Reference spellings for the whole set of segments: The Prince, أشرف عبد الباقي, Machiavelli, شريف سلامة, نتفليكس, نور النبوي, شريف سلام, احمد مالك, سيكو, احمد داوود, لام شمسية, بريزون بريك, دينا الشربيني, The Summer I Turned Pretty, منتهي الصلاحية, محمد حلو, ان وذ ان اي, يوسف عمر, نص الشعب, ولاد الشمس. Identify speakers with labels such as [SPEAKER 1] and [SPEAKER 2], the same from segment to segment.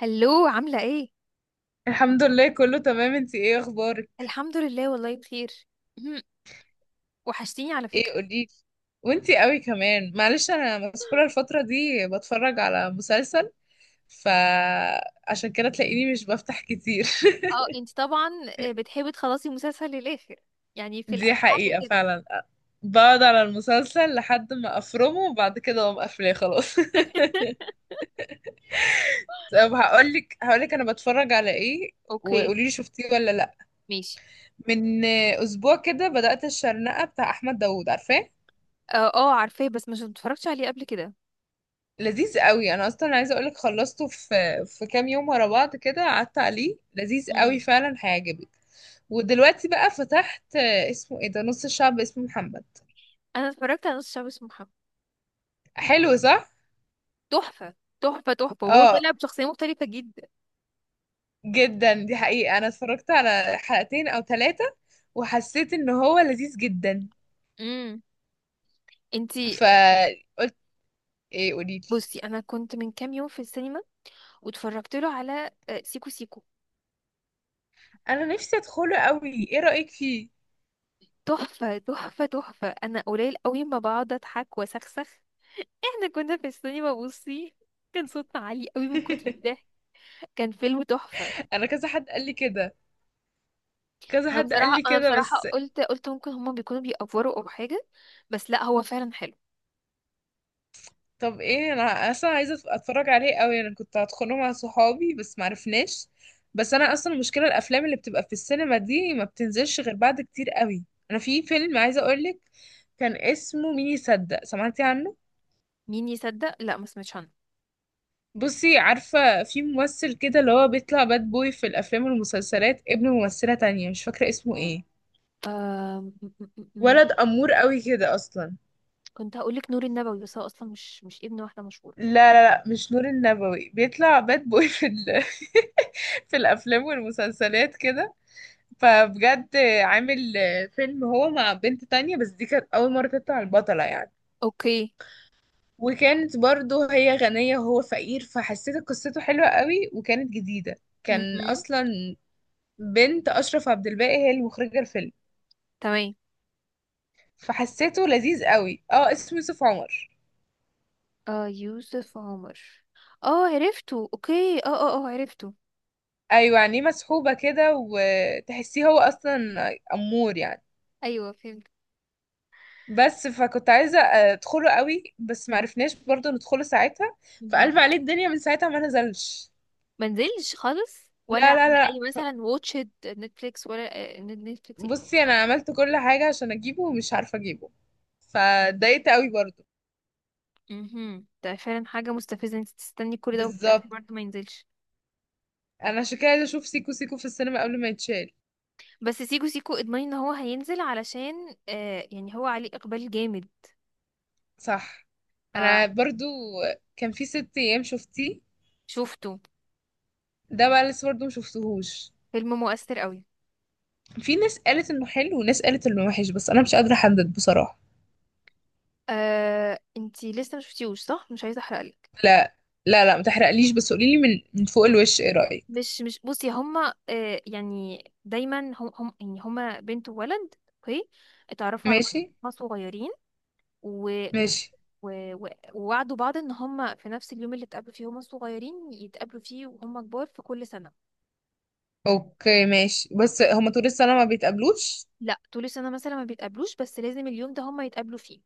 [SPEAKER 1] هلو، عاملة ايه؟
[SPEAKER 2] الحمد لله كله تمام. انتي ايه اخبارك؟
[SPEAKER 1] الحمد لله والله بخير. مهم. وحشتيني على
[SPEAKER 2] ايه
[SPEAKER 1] فكرة.
[SPEAKER 2] قوليلي. وانتي قوي كمان، معلش انا مسحولة الفترة دي بتفرج على مسلسل، فعشان كده تلاقيني مش بفتح كتير.
[SPEAKER 1] اه انت طبعا بتحبي تخلصي مسلسل للآخر، يعني في
[SPEAKER 2] دي
[SPEAKER 1] الأول.
[SPEAKER 2] حقيقة فعلا. بقعد على المسلسل لحد ما افرمه وبعد كده اقوم قافلاه خلاص. طب هقولك انا بتفرج على ايه،
[SPEAKER 1] اوكي،
[SPEAKER 2] وقوليلي شفتيه ولا لا.
[SPEAKER 1] ماشي.
[SPEAKER 2] من اسبوع كده بدأت الشرنقة بتاع احمد داوود، عارفاه؟
[SPEAKER 1] اه، اه، عارفاه بس مش متفرجتش عليه قبل كده.
[SPEAKER 2] لذيذ قوي. انا اصلا عايزه اقولك خلصته في كام يوم ورا بعض كده، قعدت عليه لذيذ
[SPEAKER 1] مم.
[SPEAKER 2] قوي فعلا، هيعجبك. ودلوقتي بقى فتحت اسمه ايه ده؟ نص الشعب اسمه محمد.
[SPEAKER 1] انا اتفرجت على نص شعب اسمه محمد.
[SPEAKER 2] حلو صح؟
[SPEAKER 1] تحفة، تحفة، تحفة، وهو
[SPEAKER 2] اه.
[SPEAKER 1] طلع بشخصية مختلفة جدا.
[SPEAKER 2] جدا، دي حقيقه. انا اتفرجت على حلقتين او ثلاثه وحسيت ان هو لذيذ جدا.
[SPEAKER 1] امم انت.
[SPEAKER 2] فقلت، ايه قوليلي؟
[SPEAKER 1] بصي، انا كنت من كام يوم في السينما واتفرجت له على سيكو سيكو.
[SPEAKER 2] انا نفسي ادخله قوي، ايه رايك فيه؟
[SPEAKER 1] تحفة، تحفة، تحفة. انا قليل قوي ما بقعد اضحك واسخسخ. احنا كنا في السينما. بصي، كان صوتنا عالي قوي من كتر الضحك. كان فيلم تحفة.
[SPEAKER 2] انا كذا حد قال لي كده، كذا
[SPEAKER 1] انا
[SPEAKER 2] حد قال
[SPEAKER 1] بصراحة،
[SPEAKER 2] لي كده بس.
[SPEAKER 1] قلت ممكن هما بيكونوا بيأفوروا او حاجة، بس لا، هو فعلا حلو.
[SPEAKER 2] طب ايه؟ انا اصلا عايزه اتفرج عليه قوي. انا كنت هدخله مع صحابي بس معرفناش. بس انا اصلا المشكله الافلام اللي بتبقى في السينما دي ما بتنزلش غير بعد كتير قوي. انا في فيلم عايزه اقولك، كان اسمه مين يصدق، سمعتي عنه؟
[SPEAKER 1] مين يصدق؟ لا، ما سمعتش عنه.
[SPEAKER 2] بصي، عارفه في ممثل كده اللي هو بيطلع باد بوي في الافلام والمسلسلات، ابن ممثله تانية مش فاكره اسمه ايه.
[SPEAKER 1] آم، م- م- م-
[SPEAKER 2] ولد
[SPEAKER 1] م.
[SPEAKER 2] امور قوي كده اصلا.
[SPEAKER 1] كنت هقول لك نور النبوي، بس هو اصلا مش ابن واحدة مشهورة.
[SPEAKER 2] لا، لا، لا، مش نور النبوي. بيطلع باد بوي في في الافلام والمسلسلات كده. فبجد، عامل فيلم هو مع بنت تانية بس دي كانت أول مرة تطلع البطلة يعني.
[SPEAKER 1] اوكي.
[SPEAKER 2] وكانت برضو هي غنية وهو فقير، فحسيت قصته حلوة قوي وكانت جديدة. كان
[SPEAKER 1] مهم.
[SPEAKER 2] أصلا بنت أشرف عبد الباقي هي المخرجة الفيلم.
[SPEAKER 1] تمام.
[SPEAKER 2] فحسيته لذيذ قوي. اه، اسمه يوسف عمر.
[SPEAKER 1] آه، يوسف عمر. اه، عرفته، اوكي. اه، اه، اه، عرفته.
[SPEAKER 2] أيوة، يعني مسحوبة كده وتحسيه هو أصلا أمور يعني.
[SPEAKER 1] ايوه.
[SPEAKER 2] بس فكنت عايزة أدخله قوي بس معرفناش برضو ندخله ساعتها. فقلب
[SPEAKER 1] فهمت.
[SPEAKER 2] عليه الدنيا، من ساعتها ما نزلش.
[SPEAKER 1] منزلش خالص ولا
[SPEAKER 2] لا، لا،
[SPEAKER 1] على
[SPEAKER 2] لا.
[SPEAKER 1] اي، مثلا واتشد نتفليكس ولا نتفليكس ايه؟
[SPEAKER 2] بصي انا عملت كل حاجة عشان اجيبه ومش عارفة اجيبه. فاتضايقت قوي برضو.
[SPEAKER 1] ده فعلا حاجة مستفزة، انت تستني كل ده وفي الاخر
[SPEAKER 2] بالظبط.
[SPEAKER 1] برضه ما ينزلش.
[SPEAKER 2] انا عشان كده عايزة اشوف سيكو سيكو في السينما قبل ما يتشال.
[SPEAKER 1] بس سيكو سيكو اضمني ان هو هينزل، علشان يعني هو عليه اقبال جامد.
[SPEAKER 2] صح. انا برضو، كان في ست ايام شفتيه؟
[SPEAKER 1] فشوفته.
[SPEAKER 2] ده بقى لسه برضو مشفتهوش.
[SPEAKER 1] فيلم مؤثر قوي.
[SPEAKER 2] في ناس قالت انه حلو وناس قالت انه وحش، بس انا مش قادرة احدد بصراحة.
[SPEAKER 1] انتي لسه ما شفتيهوش، صح؟ مش عايزة احرقلك.
[SPEAKER 2] لا، لا، لا، ما تحرقليش. بس قوليلي من فوق الوش ايه رأيك.
[SPEAKER 1] مش بصي، هما يعني دايما هم، يعني هما بنت وولد. اوكي. اتعرفوا على بعض.
[SPEAKER 2] ماشي.
[SPEAKER 1] هما صغيرين و... و...
[SPEAKER 2] ماشي.
[SPEAKER 1] و... و- ووعدوا بعض ان هم في نفس اليوم اللي اتقابلوا فيه، هم الصغيرين، يتقابلوا فيه وهم كبار في كل سنة.
[SPEAKER 2] اوكي، ماشي. بس هما طول السنة ما بيتقابلوش؟
[SPEAKER 1] لا، طول السنة مثلا ما بيتقابلوش، بس لازم اليوم ده هم يتقابلوا فيه.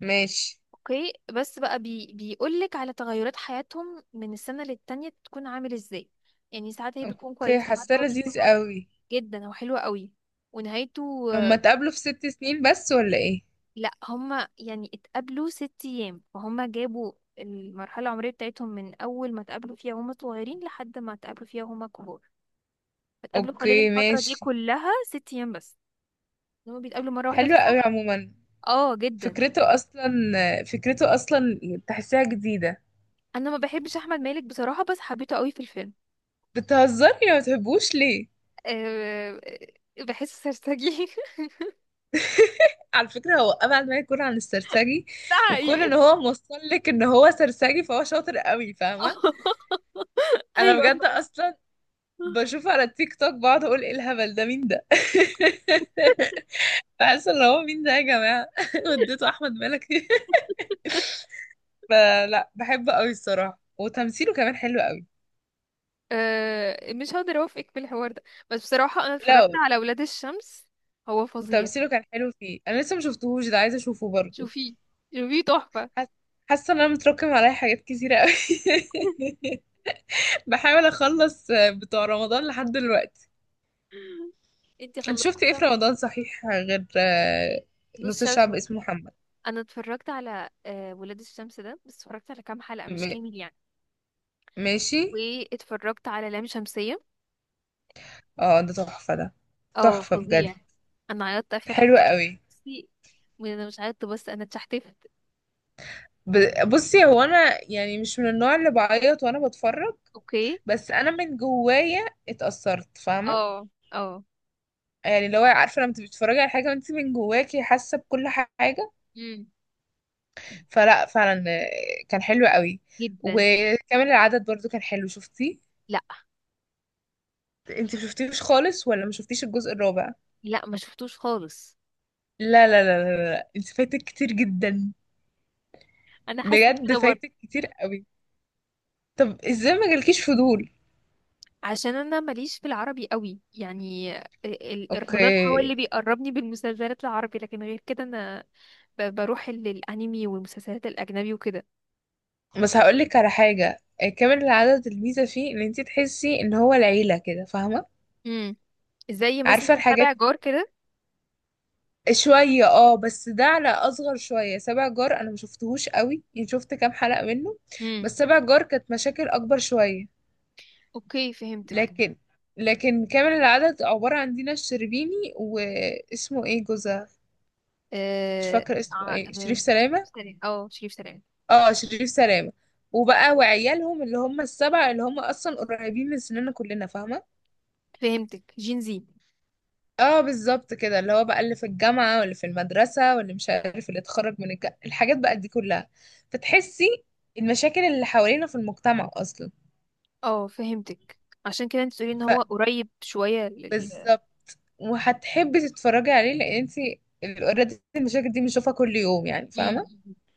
[SPEAKER 2] ماشي.
[SPEAKER 1] اوكي، بس بقى بيقولك على تغيرات حياتهم من السنة للتانية، تكون عامل ازاي. يعني ساعات هي بتكون
[SPEAKER 2] اوكي،
[SPEAKER 1] كويسة، ساعات
[SPEAKER 2] حاساه
[SPEAKER 1] هو بيكون
[SPEAKER 2] لذيذ
[SPEAKER 1] وحش.
[SPEAKER 2] قوي.
[SPEAKER 1] جدا، هو حلو قوي. ونهايته.
[SPEAKER 2] هما اتقابلوا في ست سنين بس ولا ايه؟
[SPEAKER 1] لا، هما يعني اتقابلوا 6 ايام، فهما جابوا المرحله العمريه بتاعتهم من اول ما اتقابلوا فيها وهما صغيرين لحد ما اتقابلوا فيها وهما كبار. اتقابلوا خلال
[SPEAKER 2] اوكي،
[SPEAKER 1] الفتره دي
[SPEAKER 2] ماشي.
[SPEAKER 1] كلها 6 ايام بس. هما بيتقابلوا مره واحده في
[SPEAKER 2] حلو قوي
[SPEAKER 1] السنه.
[SPEAKER 2] عموما.
[SPEAKER 1] اه، جدا.
[SPEAKER 2] فكرته اصلا فكرته اصلا تحسيها جديدة.
[SPEAKER 1] انا ما بحبش احمد مالك بصراحه، بس حبيته قوي في الفيلم.
[SPEAKER 2] بتهزري؟ ما بتحبوش ليه؟
[SPEAKER 1] أه. بحسه سرسجي.
[SPEAKER 2] على فكرة هو أبعد ما يكون عن السرسجي.
[SPEAKER 1] ده
[SPEAKER 2] وكون ان
[SPEAKER 1] حقيقي.
[SPEAKER 2] هو موصل لك ان هو سرسجي فهو شاطر قوي، فاهمة؟ انا
[SPEAKER 1] ايوه،
[SPEAKER 2] بجد
[SPEAKER 1] فعلا.
[SPEAKER 2] اصلا بشوف على التيك توك بقعد اقول ايه الهبل ده، مين ده؟ بحس ان هو مين ده يا جماعة؟ وديته احمد مالك. فلا، بحبه قوي الصراحة وتمثيله كمان حلو قوي.
[SPEAKER 1] أه، مش هقدر اوافقك في الحوار ده، بس بصراحه انا
[SPEAKER 2] لا،
[SPEAKER 1] اتفرجت على ولاد الشمس. هو فظيع.
[SPEAKER 2] تمثيله كان حلو فيه. انا لسه ما شفتهوش ده، عايزة اشوفه برضو.
[SPEAKER 1] شوفيه، شوفيه، تحفه.
[SPEAKER 2] حاسة حاسة ان انا متراكم عليا حاجات كتيرة قوي. بحاول اخلص بتوع رمضان لحد دلوقتي.
[SPEAKER 1] انتي
[SPEAKER 2] انت شفتي ايه
[SPEAKER 1] خلصتيها؟
[SPEAKER 2] في رمضان صحيح غير؟
[SPEAKER 1] نص
[SPEAKER 2] نص
[SPEAKER 1] شمس
[SPEAKER 2] الشعب
[SPEAKER 1] وكده.
[SPEAKER 2] اسمه محمد.
[SPEAKER 1] انا اتفرجت على ولاد الشمس ده، بس اتفرجت على كام حلقة مش
[SPEAKER 2] م-
[SPEAKER 1] كامل يعني.
[SPEAKER 2] ماشي.
[SPEAKER 1] واتفرجت على لام شمسية.
[SPEAKER 2] اه، ده تحفة ده.
[SPEAKER 1] اه،
[SPEAKER 2] تحفة بجد.
[SPEAKER 1] فظيع. انا عيطت اخر
[SPEAKER 2] حلو
[SPEAKER 1] حلقة.
[SPEAKER 2] قوي.
[SPEAKER 1] بصي، انا مش عيطت بس انا اتشحتفت.
[SPEAKER 2] بصي هو انا يعني مش من النوع اللي بعيط وانا بتفرج.
[SPEAKER 1] اوكي.
[SPEAKER 2] بس انا من جوايا اتأثرت، فاهمة؟
[SPEAKER 1] اه. اه.
[SPEAKER 2] يعني اللي هو، عارفة، لما تبقي بتتفرجي على حاجة وانت من جواكي حاسة بكل حاجة.
[SPEAKER 1] امم
[SPEAKER 2] فلا فعلا كان حلو قوي.
[SPEAKER 1] جدا.
[SPEAKER 2] وكامل العدد برضو كان حلو، شفتيه؟
[SPEAKER 1] لا،
[SPEAKER 2] انت مشفتيهوش خالص ولا مشفتيش الجزء الرابع؟
[SPEAKER 1] لا، ما شفتوش خالص.
[SPEAKER 2] لا، لا، لا، لا، لا. انت فايتك كتير جدا.
[SPEAKER 1] انا حاسه
[SPEAKER 2] بجد
[SPEAKER 1] كده برضه.
[SPEAKER 2] فايتك كتير قوي. طب ازاي ما جالكيش فضول؟
[SPEAKER 1] عشان انا ماليش في العربي قوي يعني. رمضان هو اللي
[SPEAKER 2] اوكي.
[SPEAKER 1] بيقربني بالمسلسلات العربي، لكن غير كده انا بروح الانمي والمسلسلات الاجنبي وكده.
[SPEAKER 2] بس هقولك على حاجة كامل العدد الميزة فيه ان انت تحسي ان هو العيلة كده، فاهمة؟
[SPEAKER 1] امم زي مثلا
[SPEAKER 2] عارفة الحاجات
[SPEAKER 1] تابع جار كده.
[SPEAKER 2] شوية. اه بس ده على أصغر شوية، سبع جار أنا مشفتهوش قوي يعني، شفت كام حلقة منه.
[SPEAKER 1] امم،
[SPEAKER 2] بس سبع جار كانت مشاكل أكبر شوية.
[SPEAKER 1] اوكي، فهمتك.
[SPEAKER 2] لكن كامل العدد عبارة عن دينا الشربيني، واسمه ايه جوزها؟ مش
[SPEAKER 1] اه،
[SPEAKER 2] فاكرة اسمه ايه، شريف
[SPEAKER 1] شريف
[SPEAKER 2] سلامة.
[SPEAKER 1] سلام، اه، شريف سلام.
[SPEAKER 2] اه، شريف سلامة. وبقى وعيالهم اللي هم السبعة، اللي هم أصلا قريبين من سننا كلنا، فاهمة؟
[SPEAKER 1] فهمتك، جين زي.
[SPEAKER 2] اه بالظبط كده، اللي هو بقى اللي في الجامعة واللي في المدرسة واللي مش عارف اللي اتخرج من الحاجات بقى دي كلها. فتحسي المشاكل اللي حوالينا في المجتمع اصلا.
[SPEAKER 1] اه، فهمتك. عشان كده انت تقولي ان هو قريب شوية
[SPEAKER 2] فبالظبط. وهتحبي تتفرجي عليه لان انتي اوريدي المشاكل دي بنشوفها كل يوم يعني،
[SPEAKER 1] امم،
[SPEAKER 2] فاهمة؟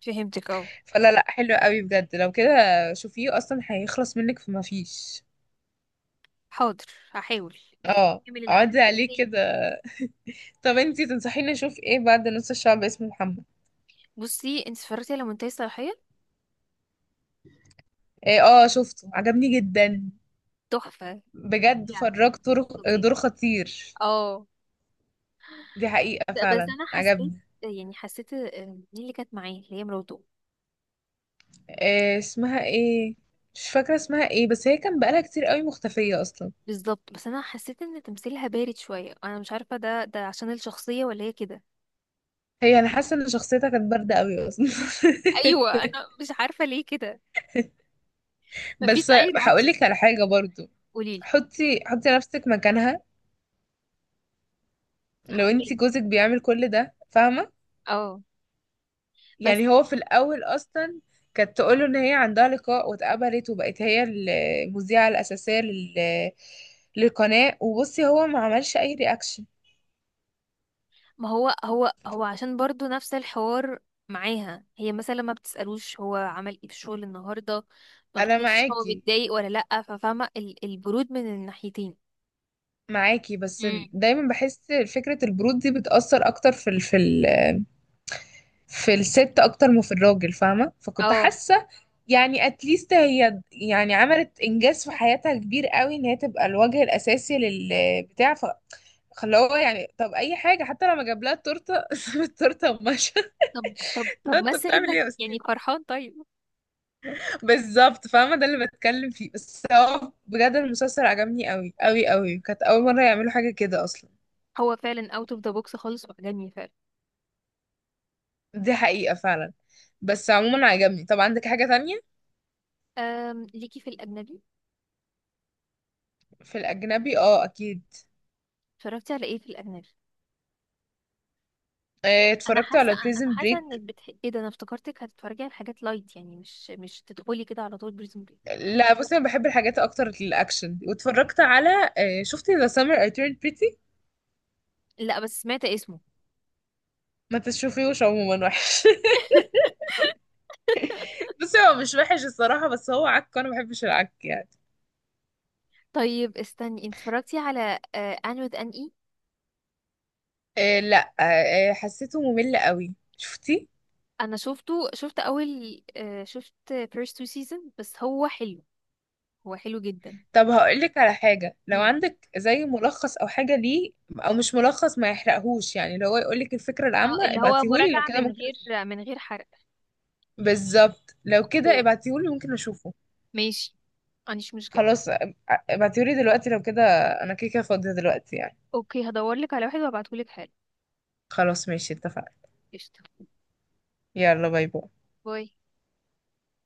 [SPEAKER 1] فهمتك، اه.
[SPEAKER 2] فلا، لا، حلو قوي بجد. لو كده شوفيه اصلا هيخلص منك فما فيش.
[SPEAKER 1] حاضر. هحاول.
[SPEAKER 2] اه.
[SPEAKER 1] كمل العمل
[SPEAKER 2] اقعدي عليه
[SPEAKER 1] وإيه؟
[SPEAKER 2] كده. طب انتي تنصحيني اشوف ايه بعد نص الشعب اسمه محمد؟
[SPEAKER 1] بصي، انت اتفرجتي على منتهي الصلاحية.
[SPEAKER 2] ايه؟ اه، شفته عجبني جدا.
[SPEAKER 1] تحفة.
[SPEAKER 2] بجد
[SPEAKER 1] فظيع،
[SPEAKER 2] فراج دور.
[SPEAKER 1] فظيع.
[SPEAKER 2] دور خطير.
[SPEAKER 1] اه.
[SPEAKER 2] دي حقيقة
[SPEAKER 1] لا، بس
[SPEAKER 2] فعلا
[SPEAKER 1] انا حسيت،
[SPEAKER 2] عجبني.
[SPEAKER 1] يعني حسيت مين اللي كانت معايا اللي هي مراته.
[SPEAKER 2] آه، اسمها ايه؟ مش فاكرة اسمها ايه، بس هي كان بقالها كتير قوي مختفية اصلا.
[SPEAKER 1] بالظبط. بس انا حسيت ان تمثيلها بارد شويه، انا مش عارفه ده عشان الشخصيه ولا هي كده.
[SPEAKER 2] هي انا حاسة ان شخصيتها كانت باردة قوي اصلا.
[SPEAKER 1] ايوه. انا مش عارفه ليه كده. مفيش
[SPEAKER 2] بس
[SPEAKER 1] اي رياكشن.
[SPEAKER 2] هقولك على حاجة برضو.
[SPEAKER 1] قوليلي.
[SPEAKER 2] حطي، حطي نفسك مكانها. لو انتي
[SPEAKER 1] حبيت.
[SPEAKER 2] جوزك بيعمل كل ده، فاهمة؟
[SPEAKER 1] اه. بس
[SPEAKER 2] يعني هو في الأول أصلا كانت تقوله إن هي عندها لقاء واتقبلت وبقت هي المذيعة الأساسية للقناة. وبصي هو ما عملش أي رياكشن.
[SPEAKER 1] ما هو عشان برضو نفس الحوار، معاها هي مثلا ما بتسألوش هو عمل ايه في الشغل النهارده، ما
[SPEAKER 2] أنا
[SPEAKER 1] بتحسش هو
[SPEAKER 2] معاكي
[SPEAKER 1] متضايق ولا لأ، ففاهمة البرود من الناحيتين.
[SPEAKER 2] معاكي بس
[SPEAKER 1] امم.
[SPEAKER 2] دايما بحس فكرة البرود دي بتأثر أكتر في في في الست أكتر ما في الراجل، فاهمة؟ فكنت
[SPEAKER 1] اه.
[SPEAKER 2] حاسة يعني اتليست هي يعني عملت انجاز في حياتها كبير قوي ان هي تبقى الوجه الاساسي للبتاع. خلاه هو، يعني طب اي حاجه، حتى لما جاب لها التورته ساب التورته ومشى.
[SPEAKER 1] طب، طب،
[SPEAKER 2] لا
[SPEAKER 1] طب،
[SPEAKER 2] انت
[SPEAKER 1] مثل
[SPEAKER 2] بتعمل
[SPEAKER 1] انك
[SPEAKER 2] ايه يا استاذ؟
[SPEAKER 1] يعني فرحان طيب.
[SPEAKER 2] بالظبط، فاهمه ده اللي بتكلم فيه. بس هو بجد المسلسل عجبني قوي قوي قوي. كانت اول مره يعملوا حاجه كده اصلا.
[SPEAKER 1] هو فعلا اوت اوف ذا بوكس خالص، وعجبني فعلا.
[SPEAKER 2] دي حقيقه فعلا. بس عموما عجبني. طب عندك حاجه تانية؟
[SPEAKER 1] ليكي في الأجنبي؟
[SPEAKER 2] في الاجنبي اه اكيد.
[SPEAKER 1] اتفرجتي على ايه في الأجنبي؟ انا
[SPEAKER 2] اتفرجت
[SPEAKER 1] حاسه
[SPEAKER 2] على
[SPEAKER 1] انا
[SPEAKER 2] بريزن
[SPEAKER 1] حاسه انك
[SPEAKER 2] بريك.
[SPEAKER 1] ايه ده، انا افتكرتك هتتفرجي على حاجات لايت، يعني مش تدخلي كده على طول بريزون بريك.
[SPEAKER 2] لا، بصي انا بحب الحاجات اكتر الاكشن. واتفرجت على شفتي ذا سummer I turned pretty؟
[SPEAKER 1] لا، بس سمعت اسمه.
[SPEAKER 2] ما تشوفيهوش عموما، وحش. بصي هو مش وحش الصراحة، بس هو عك وانا ما بحبش العك يعني.
[SPEAKER 1] طيب، استني، انت اتفرجتي على ان وذ ان اي؟
[SPEAKER 2] إيه؟ لا، إيه، حسيته ممل قوي. شفتي؟
[SPEAKER 1] انا شفته. شفت اول آه، شفت فيرست تو سيزون، بس هو حلو. هو حلو جدا.
[SPEAKER 2] طب هقولك على حاجة، لو
[SPEAKER 1] مم.
[SPEAKER 2] عندك زي ملخص او حاجة ليه. او مش ملخص ما يحرقهوش يعني، لو هو يقولك الفكرة
[SPEAKER 1] اه،
[SPEAKER 2] العامة
[SPEAKER 1] اللي هو
[SPEAKER 2] ابعتيهولي، لو
[SPEAKER 1] مراجعه
[SPEAKER 2] كده
[SPEAKER 1] من
[SPEAKER 2] ممكن
[SPEAKER 1] غير
[SPEAKER 2] اشوفه.
[SPEAKER 1] من غير حرق.
[SPEAKER 2] بالظبط، لو
[SPEAKER 1] اوكي،
[SPEAKER 2] كده ابعتيهولي ممكن اشوفه.
[SPEAKER 1] ماشي. مفيش مشكله.
[SPEAKER 2] خلاص. ابعتيهولي دلوقتي لو كده. انا كده كده فاضية دلوقتي يعني.
[SPEAKER 1] اوكي، هدور لك على واحد وابعتهولك حالا.
[SPEAKER 2] خلاص، ماشي، اتفقنا.
[SPEAKER 1] قشطه.
[SPEAKER 2] يلا باي باي.
[SPEAKER 1] باي.